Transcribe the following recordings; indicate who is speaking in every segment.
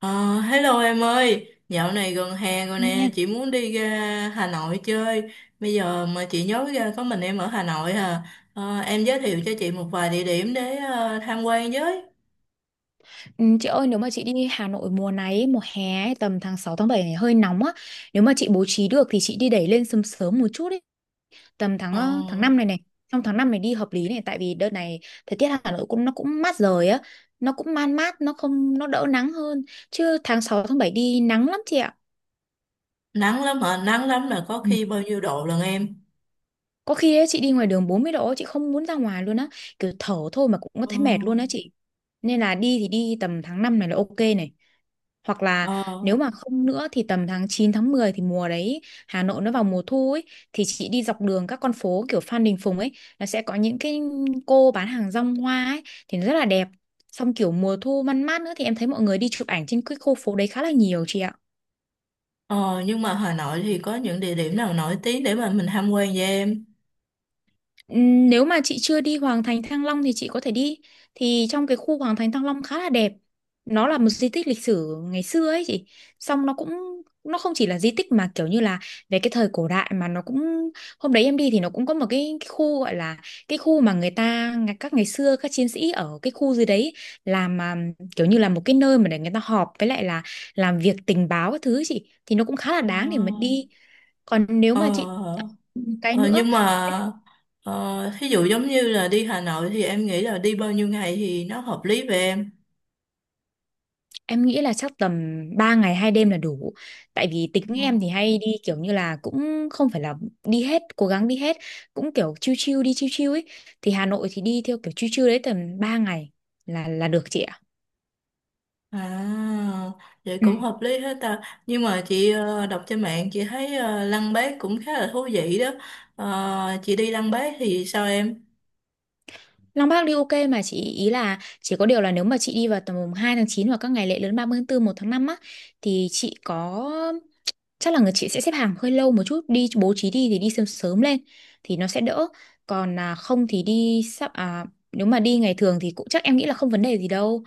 Speaker 1: Ờ, hello em ơi, dạo này gần hè rồi nè,
Speaker 2: Nha.
Speaker 1: chị muốn đi ra Hà Nội chơi. Bây giờ mà chị nhớ ra có mình em ở Hà Nội à. Em giới thiệu cho chị một vài địa điểm để tham quan với.
Speaker 2: Ừ, chị ơi nếu mà chị đi Hà Nội mùa này ấy, mùa hè ấy, tầm tháng 6 tháng 7 này hơi nóng á, nếu mà chị bố trí được thì chị đi đẩy lên sớm sớm một chút ấy, tầm
Speaker 1: Ờ,
Speaker 2: tháng 5 này này, trong tháng 5 này đi hợp lý này, tại vì đợt này thời tiết Hà Nội cũng nó cũng mát rồi á, nó cũng man mát, nó không nó đỡ nắng hơn chứ tháng 6 tháng 7 đi nắng lắm chị ạ.
Speaker 1: nắng lắm hả? Nắng lắm là có
Speaker 2: Ừ.
Speaker 1: khi bao nhiêu độ lần em.
Speaker 2: Có khi ấy, chị đi ngoài đường 40 độ chị không muốn ra ngoài luôn á, kiểu thở thôi mà cũng có
Speaker 1: Ờ,
Speaker 2: thấy mệt luôn á chị, nên là đi thì đi tầm tháng 5 này là ok này, hoặc là nếu
Speaker 1: ờ,
Speaker 2: mà không nữa thì tầm tháng 9 tháng 10 thì mùa đấy Hà Nội nó vào mùa thu ấy, thì chị đi dọc đường các con phố kiểu Phan Đình Phùng ấy, nó sẽ có những cái cô bán hàng rong hoa ấy, thì nó rất là đẹp, xong kiểu mùa thu man mát nữa thì em thấy mọi người đi chụp ảnh trên cái khu phố đấy khá là nhiều chị ạ.
Speaker 1: ờ, nhưng mà Hà Nội thì có những địa điểm nào nổi tiếng để mà mình tham quan với em?
Speaker 2: Nếu mà chị chưa đi Hoàng Thành Thăng Long thì chị có thể đi. Thì trong cái khu Hoàng Thành Thăng Long khá là đẹp. Nó là một di tích lịch sử ngày xưa ấy chị. Xong nó không chỉ là di tích mà kiểu như là về cái thời cổ đại mà nó cũng, hôm đấy em đi thì nó cũng có một cái khu gọi là cái khu mà người ta các ngày xưa các chiến sĩ ở cái khu dưới đấy làm mà, kiểu như là một cái nơi mà để người ta họp với lại là làm việc tình báo các thứ ấy chị, thì nó cũng khá là
Speaker 1: Ờ,
Speaker 2: đáng để mà đi. Còn nếu
Speaker 1: ờ.
Speaker 2: mà chị cái
Speaker 1: Ờ,
Speaker 2: nữa,
Speaker 1: nhưng mà thí dụ giống như là đi Hà Nội thì em nghĩ là đi bao nhiêu ngày thì nó hợp lý về em.
Speaker 2: em nghĩ là chắc tầm 3 ngày 2 đêm là đủ. Tại vì tính
Speaker 1: Ừ.
Speaker 2: em thì hay đi kiểu như là cũng không phải là đi hết, cố gắng đi hết, cũng kiểu chill chill đi chill chill ấy. Thì Hà Nội thì đi theo kiểu chill chill đấy tầm 3 ngày là được chị ạ.
Speaker 1: À, vậy
Speaker 2: Ừ.
Speaker 1: cũng hợp lý hết ta. Nhưng mà chị đọc trên mạng chị thấy Lăng Bác cũng khá là thú vị đó. Chị đi Lăng Bác thì sao em?
Speaker 2: Long Bác đi ok mà chị, ý là chỉ có điều là nếu mà chị đi vào tầm mùng 2 tháng chín hoặc các ngày lễ lớn 30 tháng 4 1 tháng 5 á, thì chị có, chắc là người chị sẽ xếp hàng hơi lâu một chút, đi bố trí đi thì đi sớm sớm lên thì nó sẽ đỡ, còn à, không thì đi sắp à, nếu mà đi ngày thường thì cũng chắc em nghĩ là không vấn đề gì đâu,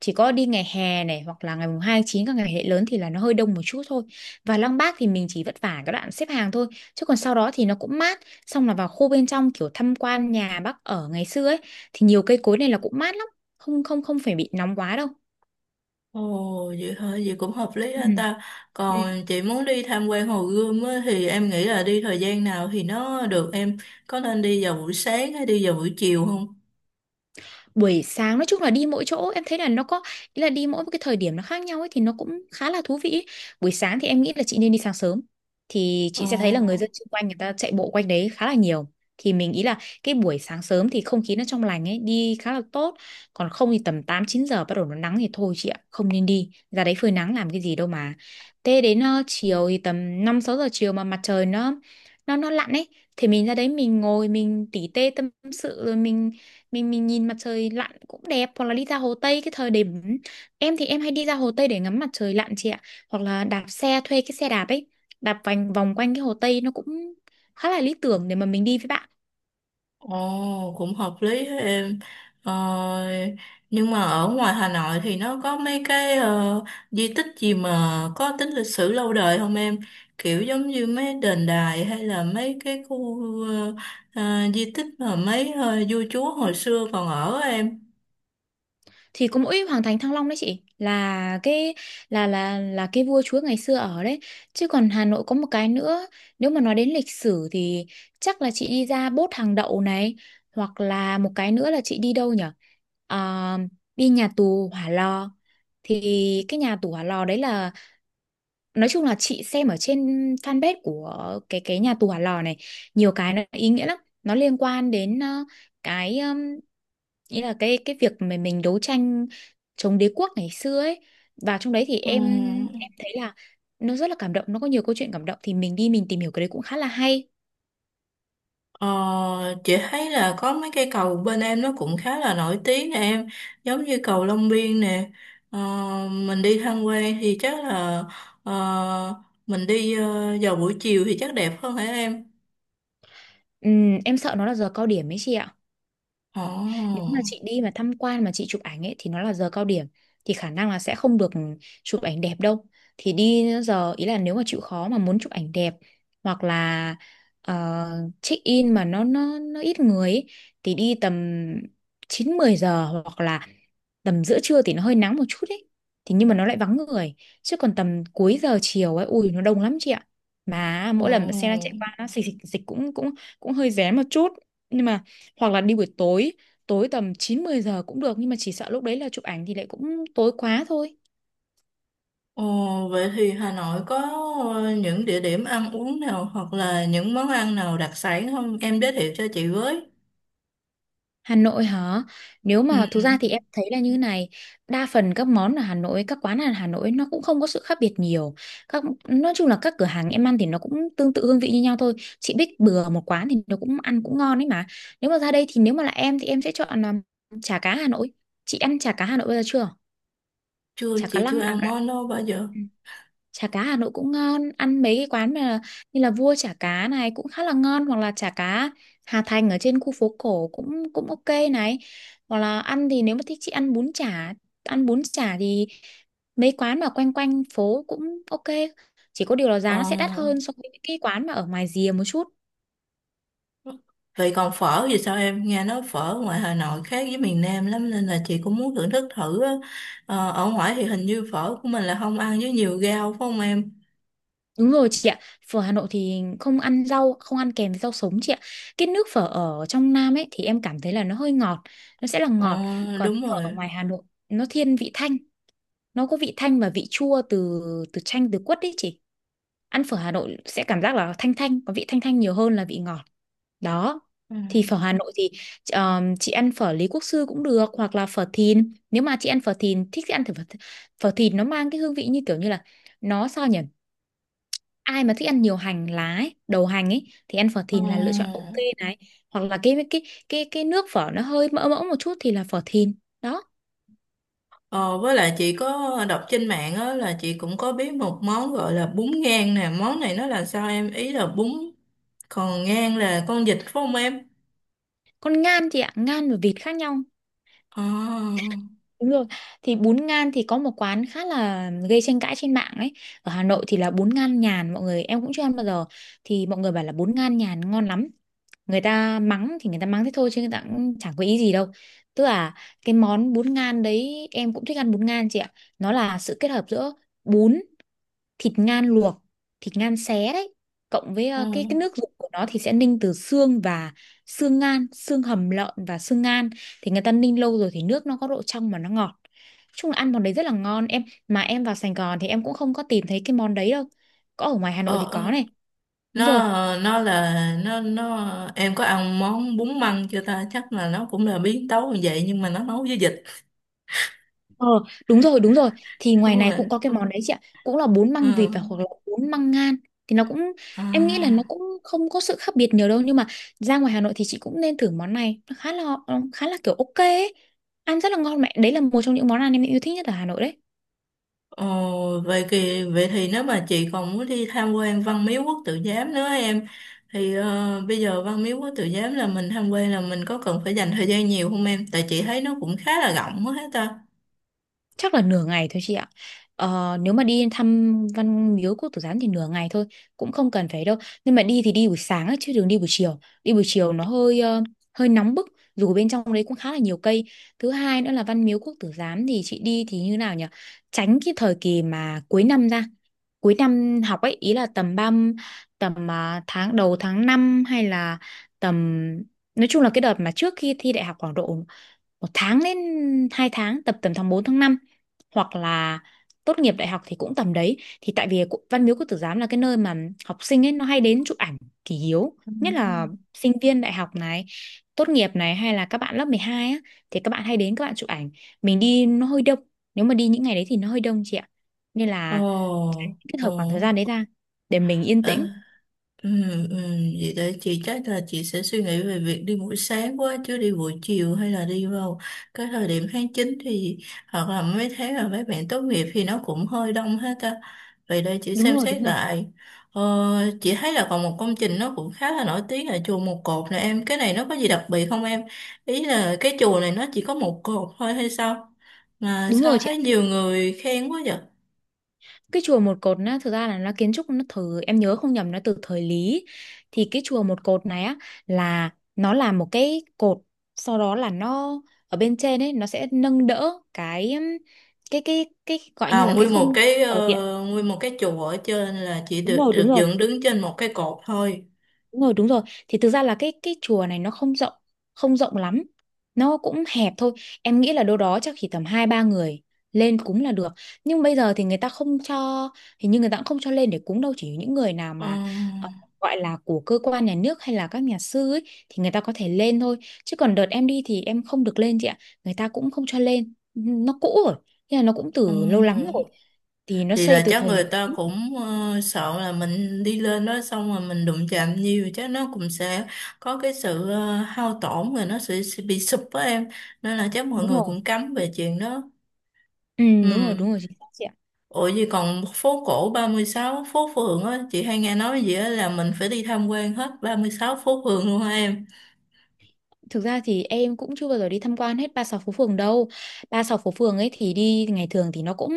Speaker 2: chỉ có đi ngày hè này hoặc là ngày mùng 2 tháng 9 các ngày lễ lớn thì là nó hơi đông một chút thôi. Và Lăng Bác thì mình chỉ vất vả cái đoạn xếp hàng thôi, chứ còn sau đó thì nó cũng mát, xong là vào khu bên trong kiểu tham quan nhà bác ở ngày xưa ấy thì nhiều cây cối này là cũng mát lắm, không không không phải bị nóng quá đâu.
Speaker 1: Ồ, vậy hả? Vậy cũng hợp lý
Speaker 2: Ừ.
Speaker 1: hết ta. Còn chị muốn đi tham quan Hồ Gươm á, thì em nghĩ là đi thời gian nào thì nó được em. Có nên đi vào buổi sáng hay đi vào buổi chiều không?
Speaker 2: Buổi sáng nói chung là đi mỗi chỗ em thấy là nó có, ý là đi mỗi một cái thời điểm nó khác nhau ấy thì nó cũng khá là thú vị ấy. Buổi sáng thì em nghĩ là chị nên đi sáng sớm thì chị sẽ thấy là người
Speaker 1: Ồ.
Speaker 2: dân xung quanh người ta chạy bộ quanh đấy khá là nhiều, thì mình nghĩ là cái buổi sáng sớm thì không khí nó trong lành ấy đi khá là tốt. Còn không thì tầm 8 9 giờ bắt đầu nó nắng thì thôi chị ạ, không nên đi ra đấy phơi nắng làm cái gì đâu mà. Thế đến chiều thì tầm 5 6 giờ chiều mà mặt trời nó lặn ấy, thì mình ra đấy mình ngồi mình tỉ tê tâm sự rồi mình nhìn mặt trời lặn cũng đẹp, hoặc là đi ra Hồ Tây cái thời điểm, em thì em hay đi ra Hồ Tây để ngắm mặt trời lặn chị ạ, hoặc là đạp xe thuê cái xe đạp ấy, đạp vành vòng quanh cái Hồ Tây nó cũng khá là lý tưởng để mà mình đi với bạn.
Speaker 1: Ồ, cũng hợp lý thế em. Ờ, nhưng mà ở ngoài Hà Nội thì nó có mấy cái di tích gì mà có tính lịch sử lâu đời không em? Kiểu giống như mấy đền đài hay là mấy cái khu ờ, ờ, di tích mà mấy vua chúa hồi xưa còn ở á em.
Speaker 2: Thì có mỗi Hoàng Thành Thăng Long đấy chị là cái, là cái vua chúa ngày xưa ở đấy. Chứ còn Hà Nội có một cái nữa, nếu mà nói đến lịch sử thì chắc là chị đi ra Bốt Hàng Đậu này, hoặc là một cái nữa là chị đi đâu nhở. Ờ, Đi nhà tù Hỏa Lò, thì cái nhà tù Hỏa Lò đấy là, nói chung là chị xem ở trên fanpage của cái nhà tù Hỏa Lò này, nhiều cái nó ý nghĩa lắm, nó liên quan đến cái, nghĩa là cái việc mà mình đấu tranh chống đế quốc ngày xưa ấy, và trong đấy thì
Speaker 1: Ừ.
Speaker 2: em thấy là nó rất là cảm động, nó có nhiều câu chuyện cảm động thì mình đi mình tìm hiểu cái đấy cũng khá là hay.
Speaker 1: Ờ, chị thấy là có mấy cây cầu bên em nó cũng khá là nổi tiếng nè em, giống như cầu Long Biên nè. Ờ, mình đi tham quan thì chắc là ờ, mình đi vào buổi chiều thì chắc đẹp hơn hả em.
Speaker 2: Em sợ nó là giờ cao điểm ấy chị ạ.
Speaker 1: Ồ,
Speaker 2: Nếu mà chị đi mà tham quan mà chị chụp ảnh ấy thì nó là giờ cao điểm thì khả năng là sẽ không được chụp ảnh đẹp đâu. Thì đi giờ ý là nếu mà chịu khó mà muốn chụp ảnh đẹp, hoặc là check in mà nó ít người ấy, thì đi tầm 9 10 giờ hoặc là tầm giữa trưa thì nó hơi nắng một chút ấy, thì nhưng mà nó lại vắng người, chứ còn tầm cuối giờ chiều ấy ui nó đông lắm chị ạ, mà mỗi lần mà xe nó
Speaker 1: ồ,
Speaker 2: chạy qua nó xịch xịch xịch cũng cũng cũng hơi rén một chút, nhưng mà hoặc là đi buổi tối, tối tầm 9 10 giờ cũng được nhưng mà chỉ sợ lúc đấy là chụp ảnh thì lại cũng tối quá thôi.
Speaker 1: ồ, vậy thì Hà Nội có những địa điểm ăn uống nào hoặc là những món ăn nào đặc sản không em giới thiệu cho chị với.
Speaker 2: Hà Nội hả? Nếu
Speaker 1: Ừ,
Speaker 2: mà thực ra thì
Speaker 1: ừ.
Speaker 2: em thấy là như thế này, đa phần các món ở Hà Nội, các quán ở Hà Nội nó cũng không có sự khác biệt nhiều. Các nói chung là các cửa hàng em ăn thì nó cũng tương tự hương vị như nhau thôi. Chị Bích bừa một quán thì nó cũng ăn cũng ngon ấy mà. Nếu mà ra đây thì nếu mà là em thì em sẽ chọn chả cá Hà Nội. Chị ăn chả cá Hà Nội bây giờ chưa?
Speaker 1: Chưa,
Speaker 2: Chả cá
Speaker 1: chị chưa
Speaker 2: lăng à
Speaker 1: ăn
Speaker 2: cả,
Speaker 1: món đó bao giờ.
Speaker 2: ừ. Chả cá Hà Nội cũng ngon, ăn mấy cái quán mà như là Vua chả cá này cũng khá là ngon, hoặc là chả cá Hà Thành ở trên khu phố cổ cũng cũng ok này, hoặc là ăn thì nếu mà thích chị ăn bún chả. Ăn bún chả thì mấy quán mà quanh quanh phố cũng ok, chỉ có điều là
Speaker 1: Ồ.
Speaker 2: giá nó sẽ đắt hơn so với những cái quán mà ở ngoài rìa một chút.
Speaker 1: Vậy còn phở thì sao em? Nghe nói phở ngoài Hà Nội khác với miền Nam lắm nên là chị cũng muốn thưởng thức thử á. Ở ngoài thì hình như phở của mình là không ăn với nhiều rau phải không em?
Speaker 2: Đúng rồi chị ạ, phở Hà Nội thì không ăn rau, không ăn kèm với rau sống chị ạ. Cái nước phở ở trong Nam ấy thì em cảm thấy là nó hơi ngọt, nó sẽ là ngọt.
Speaker 1: Ờ,
Speaker 2: Còn
Speaker 1: Đúng
Speaker 2: phở ở
Speaker 1: rồi.
Speaker 2: ngoài Hà Nội nó thiên vị thanh, nó có vị thanh và vị chua từ từ chanh từ quất đấy chị. Ăn phở Hà Nội sẽ cảm giác là thanh thanh, có vị thanh thanh nhiều hơn là vị ngọt. Đó.
Speaker 1: Ừ.
Speaker 2: Thì phở Hà Nội thì chị ăn phở Lý Quốc Sư cũng được hoặc là phở Thìn. Nếu mà chị ăn phở Thìn thích thì ăn thử phở Thìn nó mang cái hương vị như kiểu như là nó sao nhỉ? Ai mà thích ăn nhiều hành lá ấy, đầu hành ấy thì ăn phở
Speaker 1: Ờ,
Speaker 2: thìn là lựa chọn ok này, hoặc là cái nước phở nó hơi mỡ mỡ một chút thì là phở thìn đó.
Speaker 1: Ờ, với lại chị có đọc trên mạng á là chị cũng có biết một món gọi là bún ngan nè. Món này nó là sao em? Ý là bún, còn ngan là con vịt phải không em?
Speaker 2: Còn ngan thì ạ, ngan và vịt khác nhau,
Speaker 1: Ờ.
Speaker 2: đúng rồi. Thì bún ngan thì có một quán khá là gây tranh cãi trên mạng ấy ở Hà Nội, thì là bún ngan nhàn, mọi người em cũng chưa ăn bao giờ. Thì mọi người bảo là bún ngan nhàn ngon lắm, người ta mắng thì người ta mắng thế thôi chứ người ta cũng chẳng có ý gì đâu. Tức là cái món bún ngan đấy, em cũng thích ăn bún ngan chị ạ. Nó là sự kết hợp giữa bún, thịt ngan luộc, thịt ngan xé đấy, cộng với
Speaker 1: Ờ.
Speaker 2: cái nước dùng của nó thì sẽ ninh từ xương và xương ngan, xương hầm lợn và xương ngan. Thì người ta ninh lâu rồi thì nước nó có độ trong mà nó ngọt. Chung là ăn món đấy rất là ngon, em mà em vào Sài Gòn thì em cũng không có tìm thấy cái món đấy đâu, có ở ngoài Hà Nội
Speaker 1: Ờ.
Speaker 2: thì có
Speaker 1: ờ,
Speaker 2: này. Đúng
Speaker 1: nó
Speaker 2: rồi.
Speaker 1: nó là nó Em có ăn món bún măng chưa ta? Chắc là nó cũng là biến tấu như vậy, nhưng mà nó nấu với vịt.
Speaker 2: Ờ, đúng rồi, đúng rồi. Thì ngoài
Speaker 1: Đúng
Speaker 2: này
Speaker 1: rồi.
Speaker 2: cũng có cái, ừ, món đấy chị ạ. Cũng là bún
Speaker 1: Ừ.
Speaker 2: măng vịt và hoặc là bún măng ngan. Thì nó cũng, em nghĩ là nó
Speaker 1: À,
Speaker 2: cũng không có sự khác biệt nhiều đâu. Nhưng mà ra ngoài Hà Nội thì chị cũng nên thử món này. Nó khá là kiểu ok ấy. Ăn rất là ngon mẹ. Đấy là một trong những món ăn em yêu thích nhất ở Hà Nội đấy.
Speaker 1: ồ, vậy thì nếu mà chị còn muốn đi tham quan Văn Miếu Quốc Tử Giám nữa em, thì bây giờ Văn Miếu Quốc Tử Giám là mình tham quan là mình có cần phải dành thời gian nhiều không em, tại chị thấy nó cũng khá là rộng quá hết ta.
Speaker 2: Chắc là nửa ngày thôi chị ạ. Nếu mà đi thăm Văn Miếu Quốc Tử Giám thì nửa ngày thôi, cũng không cần phải đâu. Nhưng mà đi thì đi buổi sáng á, chứ đừng đi buổi chiều. Đi buổi chiều nó hơi hơi nóng bức, dù bên trong đấy cũng khá là nhiều cây. Thứ hai nữa là Văn Miếu Quốc Tử Giám thì chị đi thì như nào nhỉ, tránh cái thời kỳ mà cuối năm, ra cuối năm học ấy, ý là tầm ba, tầm, à, tháng đầu tháng 5 hay là tầm, nói chung là cái đợt mà trước khi thi đại học khoảng độ 1 tháng đến 2 tháng, tầm tầm tháng 4 tháng 5, hoặc là tốt nghiệp đại học thì cũng tầm đấy. Thì tại vì Văn Miếu Quốc Tử Giám là cái nơi mà học sinh ấy nó hay đến chụp ảnh kỷ yếu,
Speaker 1: Ừ.
Speaker 2: nhất là sinh viên đại học này, tốt nghiệp này, hay là các bạn lớp 12 á, thì các bạn hay đến, các bạn chụp ảnh, mình đi nó hơi đông. Nếu mà đi những ngày đấy thì nó hơi đông chị ạ, nên
Speaker 1: Ồ,
Speaker 2: là kết
Speaker 1: ồ.
Speaker 2: hợp khoảng thời gian đấy ra để mình yên
Speaker 1: Ờ,
Speaker 2: tĩnh.
Speaker 1: ừ, ừ, vậy để chị, chắc là chị sẽ suy nghĩ về việc đi buổi sáng quá chứ đi buổi chiều, hay là đi vào cái thời điểm tháng chín, thì hoặc là mấy tháng là mấy bạn tốt nghiệp thì nó cũng hơi đông hết ta. Vậy đây chị
Speaker 2: Đúng
Speaker 1: xem
Speaker 2: rồi,
Speaker 1: xét
Speaker 2: đúng rồi.
Speaker 1: lại. Ờ, chị thấy là còn một công trình nó cũng khá là nổi tiếng là chùa Một Cột này em. Cái này nó có gì đặc biệt không em? Ý là cái chùa này nó chỉ có một cột thôi hay sao? Mà
Speaker 2: Đúng rồi
Speaker 1: sao
Speaker 2: chị ạ,
Speaker 1: thấy nhiều người khen quá vậy?
Speaker 2: cái chùa một cột á thực ra là nó kiến trúc, nó từ em nhớ không nhầm nó từ thời Lý. Thì cái chùa một cột này á, là nó là một cái cột, sau đó là nó ở bên trên ấy nó sẽ nâng đỡ cái gọi như
Speaker 1: À,
Speaker 2: là cái không, ở điện.
Speaker 1: nguyên một cái chùa ở trên là chỉ
Speaker 2: Đúng
Speaker 1: được
Speaker 2: rồi, đúng
Speaker 1: được
Speaker 2: rồi.
Speaker 1: dựng đứng trên một cái cột thôi.
Speaker 2: Đúng rồi, đúng rồi. Thì thực ra là cái chùa này nó không rộng, không rộng lắm. Nó cũng hẹp thôi. Em nghĩ là đâu đó chắc chỉ tầm 2 3 người lên cúng là được. Nhưng bây giờ thì người ta không cho, hình như người ta cũng không cho lên để cúng đâu, chỉ những người nào
Speaker 1: Ờ,
Speaker 2: mà ờ, gọi là của cơ quan nhà nước hay là các nhà sư ấy thì người ta có thể lên thôi. Chứ còn đợt em đi thì em không được lên chị ạ. Người ta cũng không cho lên. Nó cũ rồi. Thế là nó cũng từ lâu lắm
Speaker 1: ừ.
Speaker 2: rồi. Thì nó
Speaker 1: Thì
Speaker 2: xây
Speaker 1: là
Speaker 2: từ
Speaker 1: chắc
Speaker 2: thời nhà
Speaker 1: người ta
Speaker 2: Nguyễn.
Speaker 1: cũng sợ là mình đi lên đó xong rồi mình đụng chạm nhiều, chắc nó cũng sẽ có cái sự hao tổn rồi nó sẽ bị sụp á em. Nên là chắc mọi
Speaker 2: Đúng
Speaker 1: người
Speaker 2: rồi.
Speaker 1: cũng cấm về chuyện đó.
Speaker 2: Ừ,
Speaker 1: Ừ.
Speaker 2: đúng rồi, chính xác chị ạ.
Speaker 1: Ủa gì, còn phố cổ 36 phố phường á, chị hay nghe nói gì á là mình phải đi tham quan hết 36 phố phường luôn hả em?
Speaker 2: Thực ra thì em cũng chưa bao giờ đi tham quan hết ba sáu phố phường đâu. Ba sáu phố phường ấy thì đi ngày thường thì nó cũng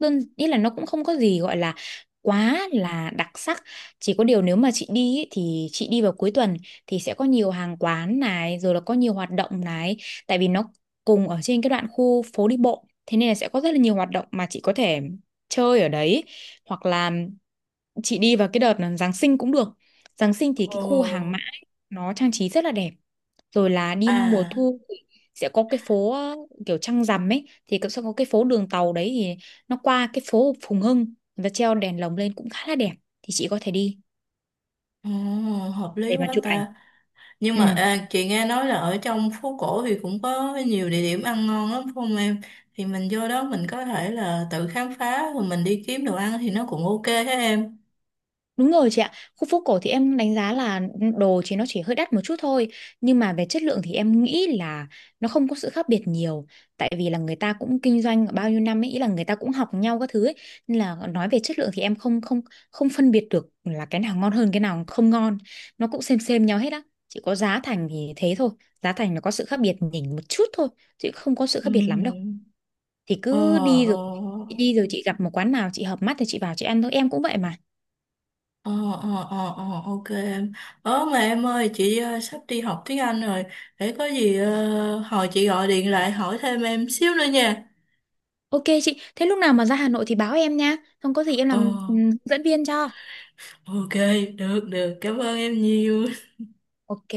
Speaker 2: đơn, ý là nó cũng không có gì gọi là quá là đặc sắc. Chỉ có điều nếu mà chị đi ấy, thì chị đi vào cuối tuần thì sẽ có nhiều hàng quán này, rồi là có nhiều hoạt động này, tại vì nó cùng ở trên cái đoạn khu phố đi bộ. Thế nên là sẽ có rất là nhiều hoạt động mà chị có thể chơi ở đấy, hoặc là chị đi vào cái đợt là Giáng sinh cũng được. Giáng sinh thì
Speaker 1: Ồ.
Speaker 2: cái khu hàng mã ấy nó trang trí rất là đẹp, rồi là đi mùa
Speaker 1: À.
Speaker 2: thu thì sẽ có cái phố kiểu trăng rằm ấy, thì cũng sẽ có cái phố đường tàu đấy, thì nó qua cái phố Phùng Hưng và treo đèn lồng lên cũng khá là đẹp, thì chị có thể đi
Speaker 1: Ồ, hợp lý
Speaker 2: để mà
Speaker 1: quá
Speaker 2: chụp ảnh.
Speaker 1: ta. Nhưng
Speaker 2: Ừ.
Speaker 1: mà à, chị nghe nói là ở trong phố cổ thì cũng có nhiều địa điểm ăn ngon lắm phải không em? Thì mình vô đó mình có thể là tự khám phá rồi mình đi kiếm đồ ăn thì nó cũng ok thế em.
Speaker 2: Đúng rồi chị ạ, khu phố cổ thì em đánh giá là, ừ, đồ thì nó chỉ hơi đắt một chút thôi, nhưng mà về chất lượng thì em nghĩ là nó không có sự khác biệt nhiều, tại vì là người ta cũng kinh doanh bao nhiêu năm ấy, ý là người ta cũng học nhau các thứ ấy, nên là nói về chất lượng thì em không không không phân biệt được là cái nào ngon hơn cái nào không ngon, nó cũng xem nhau hết á, chỉ có giá thành thì thế thôi, giá thành nó có sự khác biệt nhỉnh một chút thôi, chứ không có sự
Speaker 1: Ừ.
Speaker 2: khác biệt lắm đâu. Thì
Speaker 1: Ờ,
Speaker 2: cứ đi rồi,
Speaker 1: ờ,
Speaker 2: đi rồi chị gặp một quán nào chị hợp mắt thì chị vào chị ăn thôi, em cũng vậy mà.
Speaker 1: ờ, ok em. Mà em ơi, chị sắp đi học tiếng Anh rồi. Để có gì hồi chị gọi điện lại hỏi thêm em xíu nữa nha.
Speaker 2: Ok chị, thế lúc nào mà ra Hà Nội thì báo em nha. Không có gì em
Speaker 1: Ờ,
Speaker 2: làm, ừ, dẫn viên cho.
Speaker 1: ok, được, được. Cảm ơn em nhiều.
Speaker 2: Ok.